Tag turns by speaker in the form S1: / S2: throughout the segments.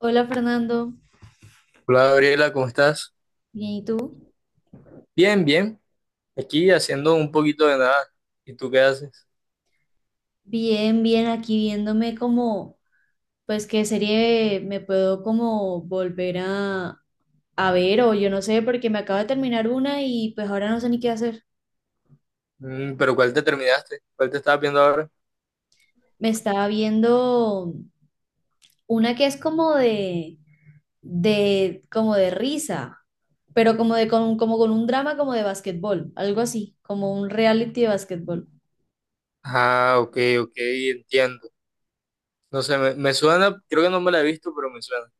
S1: Hola Fernando,
S2: Hola Gabriela, ¿cómo estás?
S1: bien, ¿y tú?
S2: Bien, bien. Aquí haciendo un poquito de nada. ¿Y tú qué haces?
S1: Bien, bien, aquí viéndome como, pues qué serie me puedo como volver a ver o yo no sé, porque me acabo de terminar una y pues ahora no sé ni qué hacer.
S2: Mm, pero ¿cuál te terminaste? ¿Cuál te estabas viendo ahora?
S1: Me estaba viendo una que es como como de risa, pero como con un drama como de básquetbol, algo así, como un reality de básquetbol.
S2: Ah, ok, ok, entiendo. No sé, me suena, creo que no me la he visto, pero me suena.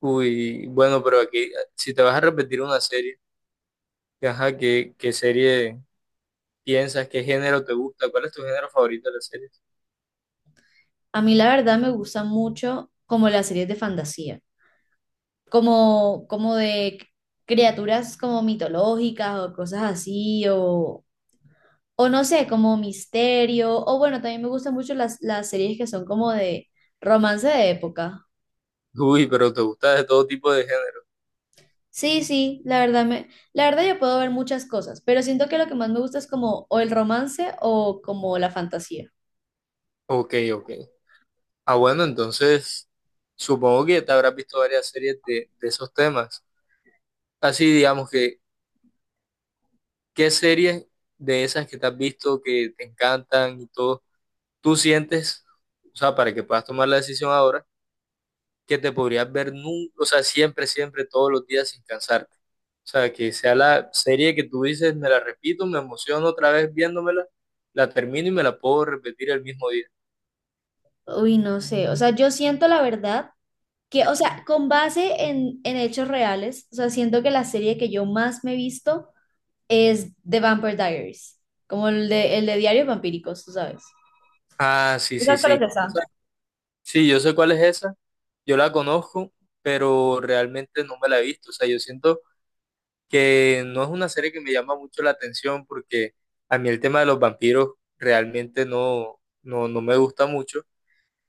S2: Uy, bueno, pero aquí, si te vas a repetir una serie, que, ajá, ¿qué serie piensas? ¿Qué género te gusta? ¿Cuál es tu género favorito de las series?
S1: A mí la verdad me gusta mucho como las series de fantasía, como, como de criaturas como mitológicas o cosas así, o no sé, como misterio, o bueno, también me gustan mucho las series que son como de romance de época.
S2: Uy, pero te gusta de todo tipo de género.
S1: Sí, sí, la verdad yo puedo ver muchas cosas, pero siento que lo que más me gusta es como o el romance o como la fantasía.
S2: Ok, ok. Ah, bueno, entonces supongo que te habrás visto varias series de esos temas. Así, digamos que, ¿qué series de esas que te has visto que te encantan y todo, tú sientes, o sea, para que puedas tomar la decisión ahora, que te podrías ver nunca, o sea, siempre, siempre, todos los días sin cansarte? O sea, que sea la serie que tú dices, me la repito, me emociono otra vez viéndomela, la termino y me la puedo repetir el mismo día.
S1: Uy, no sé, o sea, yo siento la verdad que, o sea, con base en hechos reales, o sea, siento que la serie que yo más me he visto es The Vampire Diaries, como el de Diarios Vampíricos, tú sabes.
S2: Ah, sí, sí,
S1: ¿Sabes cuál
S2: sí.
S1: es esa?
S2: Esa- Sí, yo sé cuál es esa, yo la conozco, pero realmente no me la he visto. O sea, yo siento que no es una serie que me llama mucho la atención porque a mí el tema de los vampiros realmente no, no, no me gusta mucho,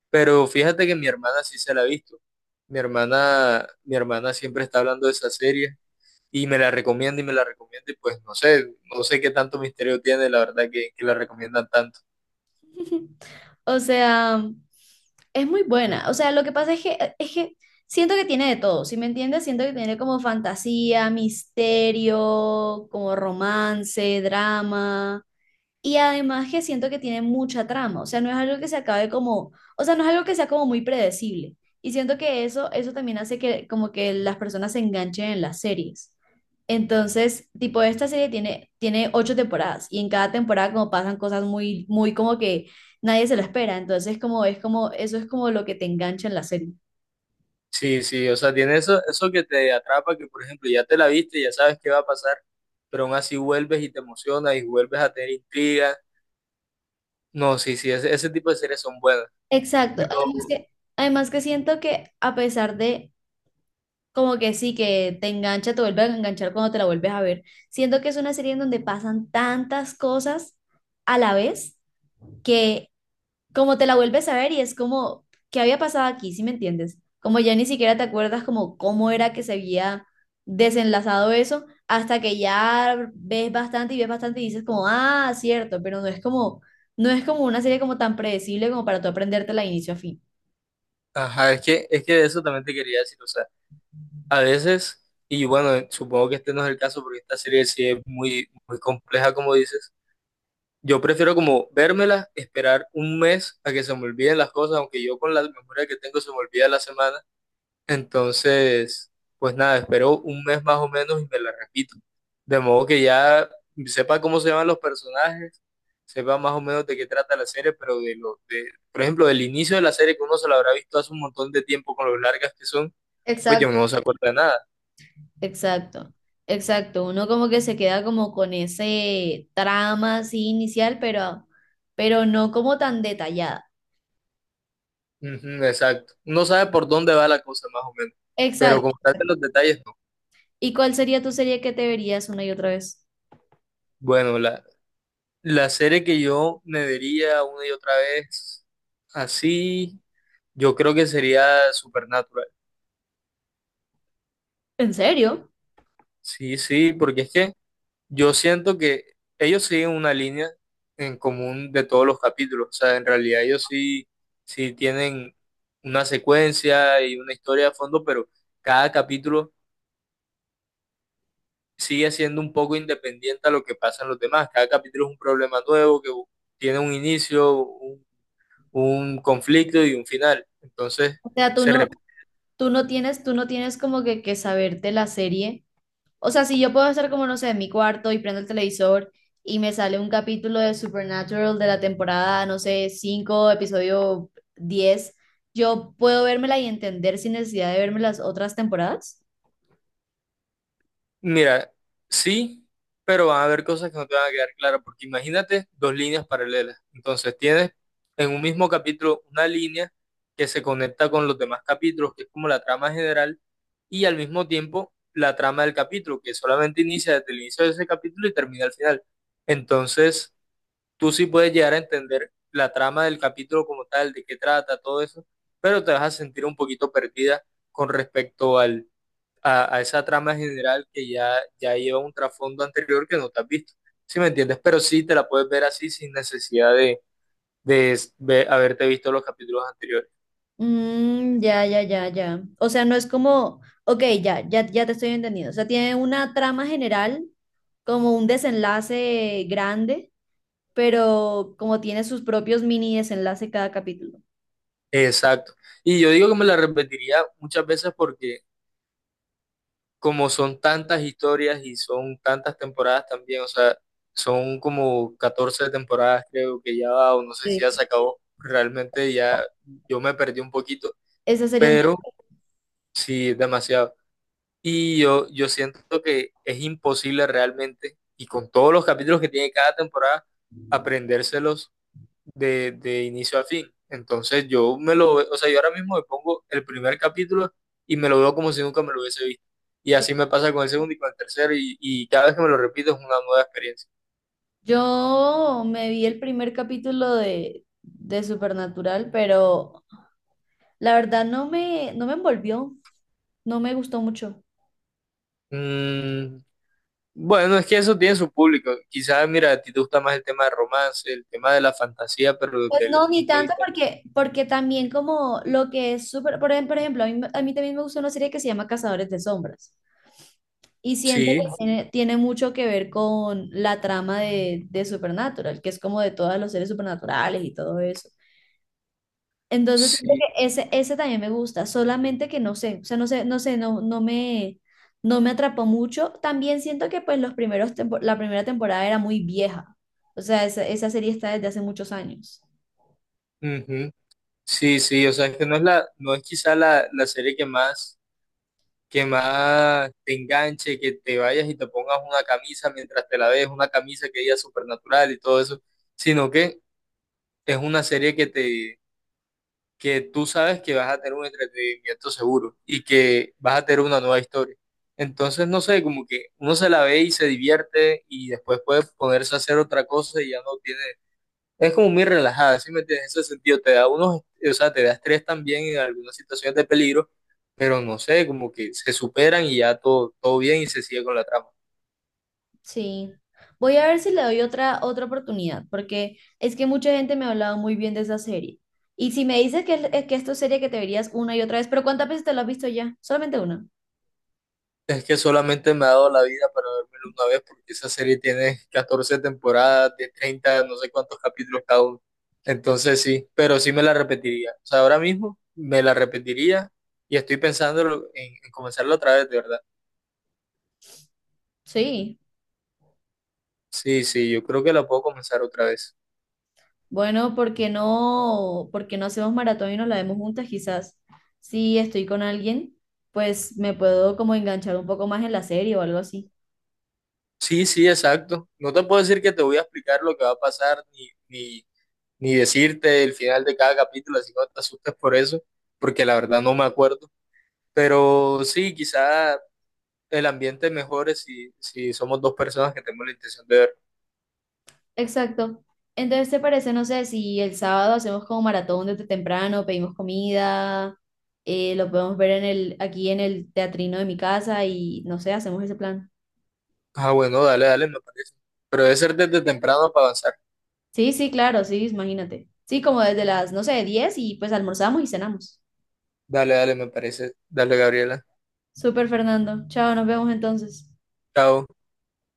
S2: pero fíjate que mi hermana sí se la ha visto. Mi hermana siempre está hablando de esa serie y me la recomienda y me la recomienda y pues no sé, no sé qué tanto misterio tiene, la verdad que la recomiendan tanto.
S1: O sea, es muy buena. O sea, lo que pasa es que siento que tiene de todo, ¿sí me entiendes? Siento que tiene como fantasía, misterio, como romance, drama. Y además que siento que tiene mucha trama, o sea, no es algo que se acabe como, o sea, no es algo que sea como muy predecible. Y siento que eso también hace que como que las personas se enganchen en las series. Entonces, tipo, esta serie tiene ocho temporadas y en cada temporada como pasan cosas muy, muy como que nadie se lo espera. Entonces, como es como, eso es como lo que te engancha en la serie.
S2: Sí, sí, o sea, tiene eso, eso que te atrapa, que por ejemplo ya te la viste, ya sabes qué va a pasar, pero aún así vuelves y te emocionas y vuelves a tener intriga. No, sí, sí, ese tipo de series son buenas.
S1: Exacto.
S2: Lo-
S1: Además que siento que a pesar de, como que sí, que te engancha, te vuelve a enganchar cuando te la vuelves a ver. Siento que es una serie en donde pasan tantas cosas a la vez que como te la vuelves a ver y es como, ¿qué había pasado aquí? ¿Sí me entiendes? Como ya ni siquiera te acuerdas como cómo era que se había desenlazado eso hasta que ya ves bastante y dices como, ah, cierto, pero no es como, no es como una serie como tan predecible como para tú aprendértela de inicio a fin.
S2: ajá, es que de eso también te quería decir, o sea, a veces, y bueno, supongo que este no es el caso porque esta serie sí es muy, muy compleja, como dices. Yo prefiero como vérmela, esperar un mes a que se me olviden las cosas, aunque yo con la memoria que tengo se me olvida la semana. Entonces, pues nada, espero un mes más o menos y me la repito. De modo que ya sepa cómo se llaman los personajes, sepa más o menos de qué trata la serie, pero de lo de, por ejemplo, del inicio de la serie que uno se la habrá visto hace un montón de tiempo con lo largas que son, pues yo
S1: Exacto,
S2: no se acuerda de nada.
S1: exacto. exacto. Uno como que se queda como con ese trama así inicial, pero no como tan detallada.
S2: Ujú, exacto. No sabe por dónde va la cosa más o menos, pero
S1: Exacto.
S2: como tal de los detalles no.
S1: ¿Y cuál sería tu serie que te verías una y otra vez?
S2: Bueno, la serie que yo me vería una y otra vez así, yo creo que sería Supernatural.
S1: ¿En serio?
S2: Sí, sí, porque es que yo siento que ellos siguen una línea en común de todos los capítulos. O sea, en realidad ellos sí, sí tienen una secuencia y una historia de fondo, pero cada capítulo sigue siendo un poco independiente a lo que pasa en los demás. Cada capítulo es un problema nuevo que tiene un inicio, un conflicto y un final. Entonces,
S1: O sea,
S2: se repite.
S1: tú no tienes como que saberte la serie. O sea, si yo puedo estar como, no sé, en mi cuarto y prendo el televisor y me sale un capítulo de Supernatural de la temporada, no sé, 5 episodio 10, yo puedo vérmela y entender sin necesidad de verme las otras temporadas.
S2: Mira, sí, pero van a haber cosas que no te van a quedar claras, porque imagínate dos líneas paralelas. Entonces tienes en un mismo capítulo una línea que se conecta con los demás capítulos, que es como la trama general, y al mismo tiempo la trama del capítulo, que solamente inicia desde el inicio de ese capítulo y termina al final. Entonces tú sí puedes llegar a entender la trama del capítulo como tal, de qué trata, todo eso, pero te vas a sentir un poquito perdida con respecto al a esa trama general que ya, ya lleva un trasfondo anterior que no te has visto. ¿Sí me entiendes? Pero sí te la puedes ver así sin necesidad de s- ve- haberte visto los capítulos anteriores.
S1: Mm, ya, ya, ya, ya. O sea, no es como, ok, ya, ya, ya te estoy entendiendo. O sea, tiene una trama general, como un desenlace grande, pero como tiene sus propios mini desenlaces cada capítulo.
S2: Exacto. Y yo digo que me la repetiría muchas veces porque como son tantas historias y son tantas temporadas también, o sea, son como 14 temporadas creo que ya va, o no sé
S1: Sí.
S2: si ya se acabó, realmente ya yo me perdí un poquito,
S1: Esa serie es...
S2: pero sí, demasiado. Y yo siento que es imposible realmente, y con todos los capítulos que tiene cada temporada, aprendérselos de inicio a fin. Entonces yo me lo, ve- o sea, yo ahora mismo me pongo el primer capítulo y me lo veo como si nunca me lo hubiese visto. Y así me pasa con el segundo y con el tercero, y cada vez que me lo repito es una nueva experiencia.
S1: Yo me vi el primer capítulo de Supernatural, pero la verdad no me envolvió, no me gustó mucho.
S2: Mm, bueno, es que eso tiene su público. Quizás, mira, a ti te gusta más el tema de romance, el tema de la fantasía, pero
S1: Pues
S2: desde el
S1: no, ni
S2: punto de
S1: tanto
S2: vista...
S1: porque también como lo que es súper por ejemplo, a mí también me gusta una serie que se llama Cazadores de Sombras y siento que
S2: Sí,
S1: tiene, tiene mucho que ver con la trama de Supernatural, que es como de todos los seres supernaturales y todo eso. Entonces, siento
S2: sí.
S1: que ese también me gusta, solamente que no sé, o sea, no sé, no sé, no, no me atrapó mucho. También siento que pues la primera temporada era muy vieja, o sea, esa serie está desde hace muchos años.
S2: Ujú. Sí, sí, o sea, es que no es la, no es quizá la, la serie que más te enganche, que te vayas y te pongas una camisa mientras te la ves, una camisa que diga supernatural y todo eso, sino que es una serie que te, que tú sabes que vas a tener un entretenimiento seguro y que vas a tener una nueva historia. Entonces, no sé, como que uno se la ve y se divierte y después puede ponerse a hacer otra cosa y ya no tiene, es como muy relajada, ¿sí me entiendes? En ese sentido, te da unos, o sea, te da estrés también en algunas situaciones de peligro, pero no sé, como que se superan y ya todo, todo bien y se sigue con la trama.
S1: Sí. Voy a ver si le doy otra oportunidad, porque es que mucha gente me ha hablado muy bien de esa serie. Y si me dices que, que esto es serie que te verías una y otra vez, pero ¿cuántas veces te la has visto ya? Solamente una.
S2: Es que solamente me ha dado la vida para vérmelo una vez, porque esa serie tiene 14 temporadas de 30 no sé cuántos capítulos cada uno. Entonces sí, pero sí me la repetiría. O sea, ahora mismo me la repetiría y estoy pensando en comenzarla otra vez, de verdad.
S1: Sí.
S2: Sí, sí, yo creo que la puedo comenzar otra vez.
S1: Bueno, por qué no hacemos maratón y nos la vemos juntas? Quizás si estoy con alguien, pues me puedo como enganchar un poco más en la serie o algo así.
S2: Sí, sí, exacto. No te puedo decir que te voy a explicar lo que va a pasar, ni, ni, ni decirte el final de cada capítulo, así que no te asustes por eso, porque la verdad no me acuerdo. Pero sí, quizá el ambiente mejore si, si somos dos personas que tenemos la intención de ver.
S1: Exacto. Entonces, ¿te parece, no sé, si el sábado hacemos como maratón desde temprano, pedimos comida, lo podemos ver aquí en el teatrino de mi casa y no sé, hacemos ese plan?
S2: Ah, bueno, dale, dale, me parece. Pero debe ser desde temprano para avanzar.
S1: Sí, sí, claro, sí, imagínate. Sí, como desde las, no sé, 10 y pues almorzamos y cenamos.
S2: Dale, dale, me parece. Dale, Gabriela.
S1: Súper, Fernando. Chao, nos vemos entonces.
S2: Chao.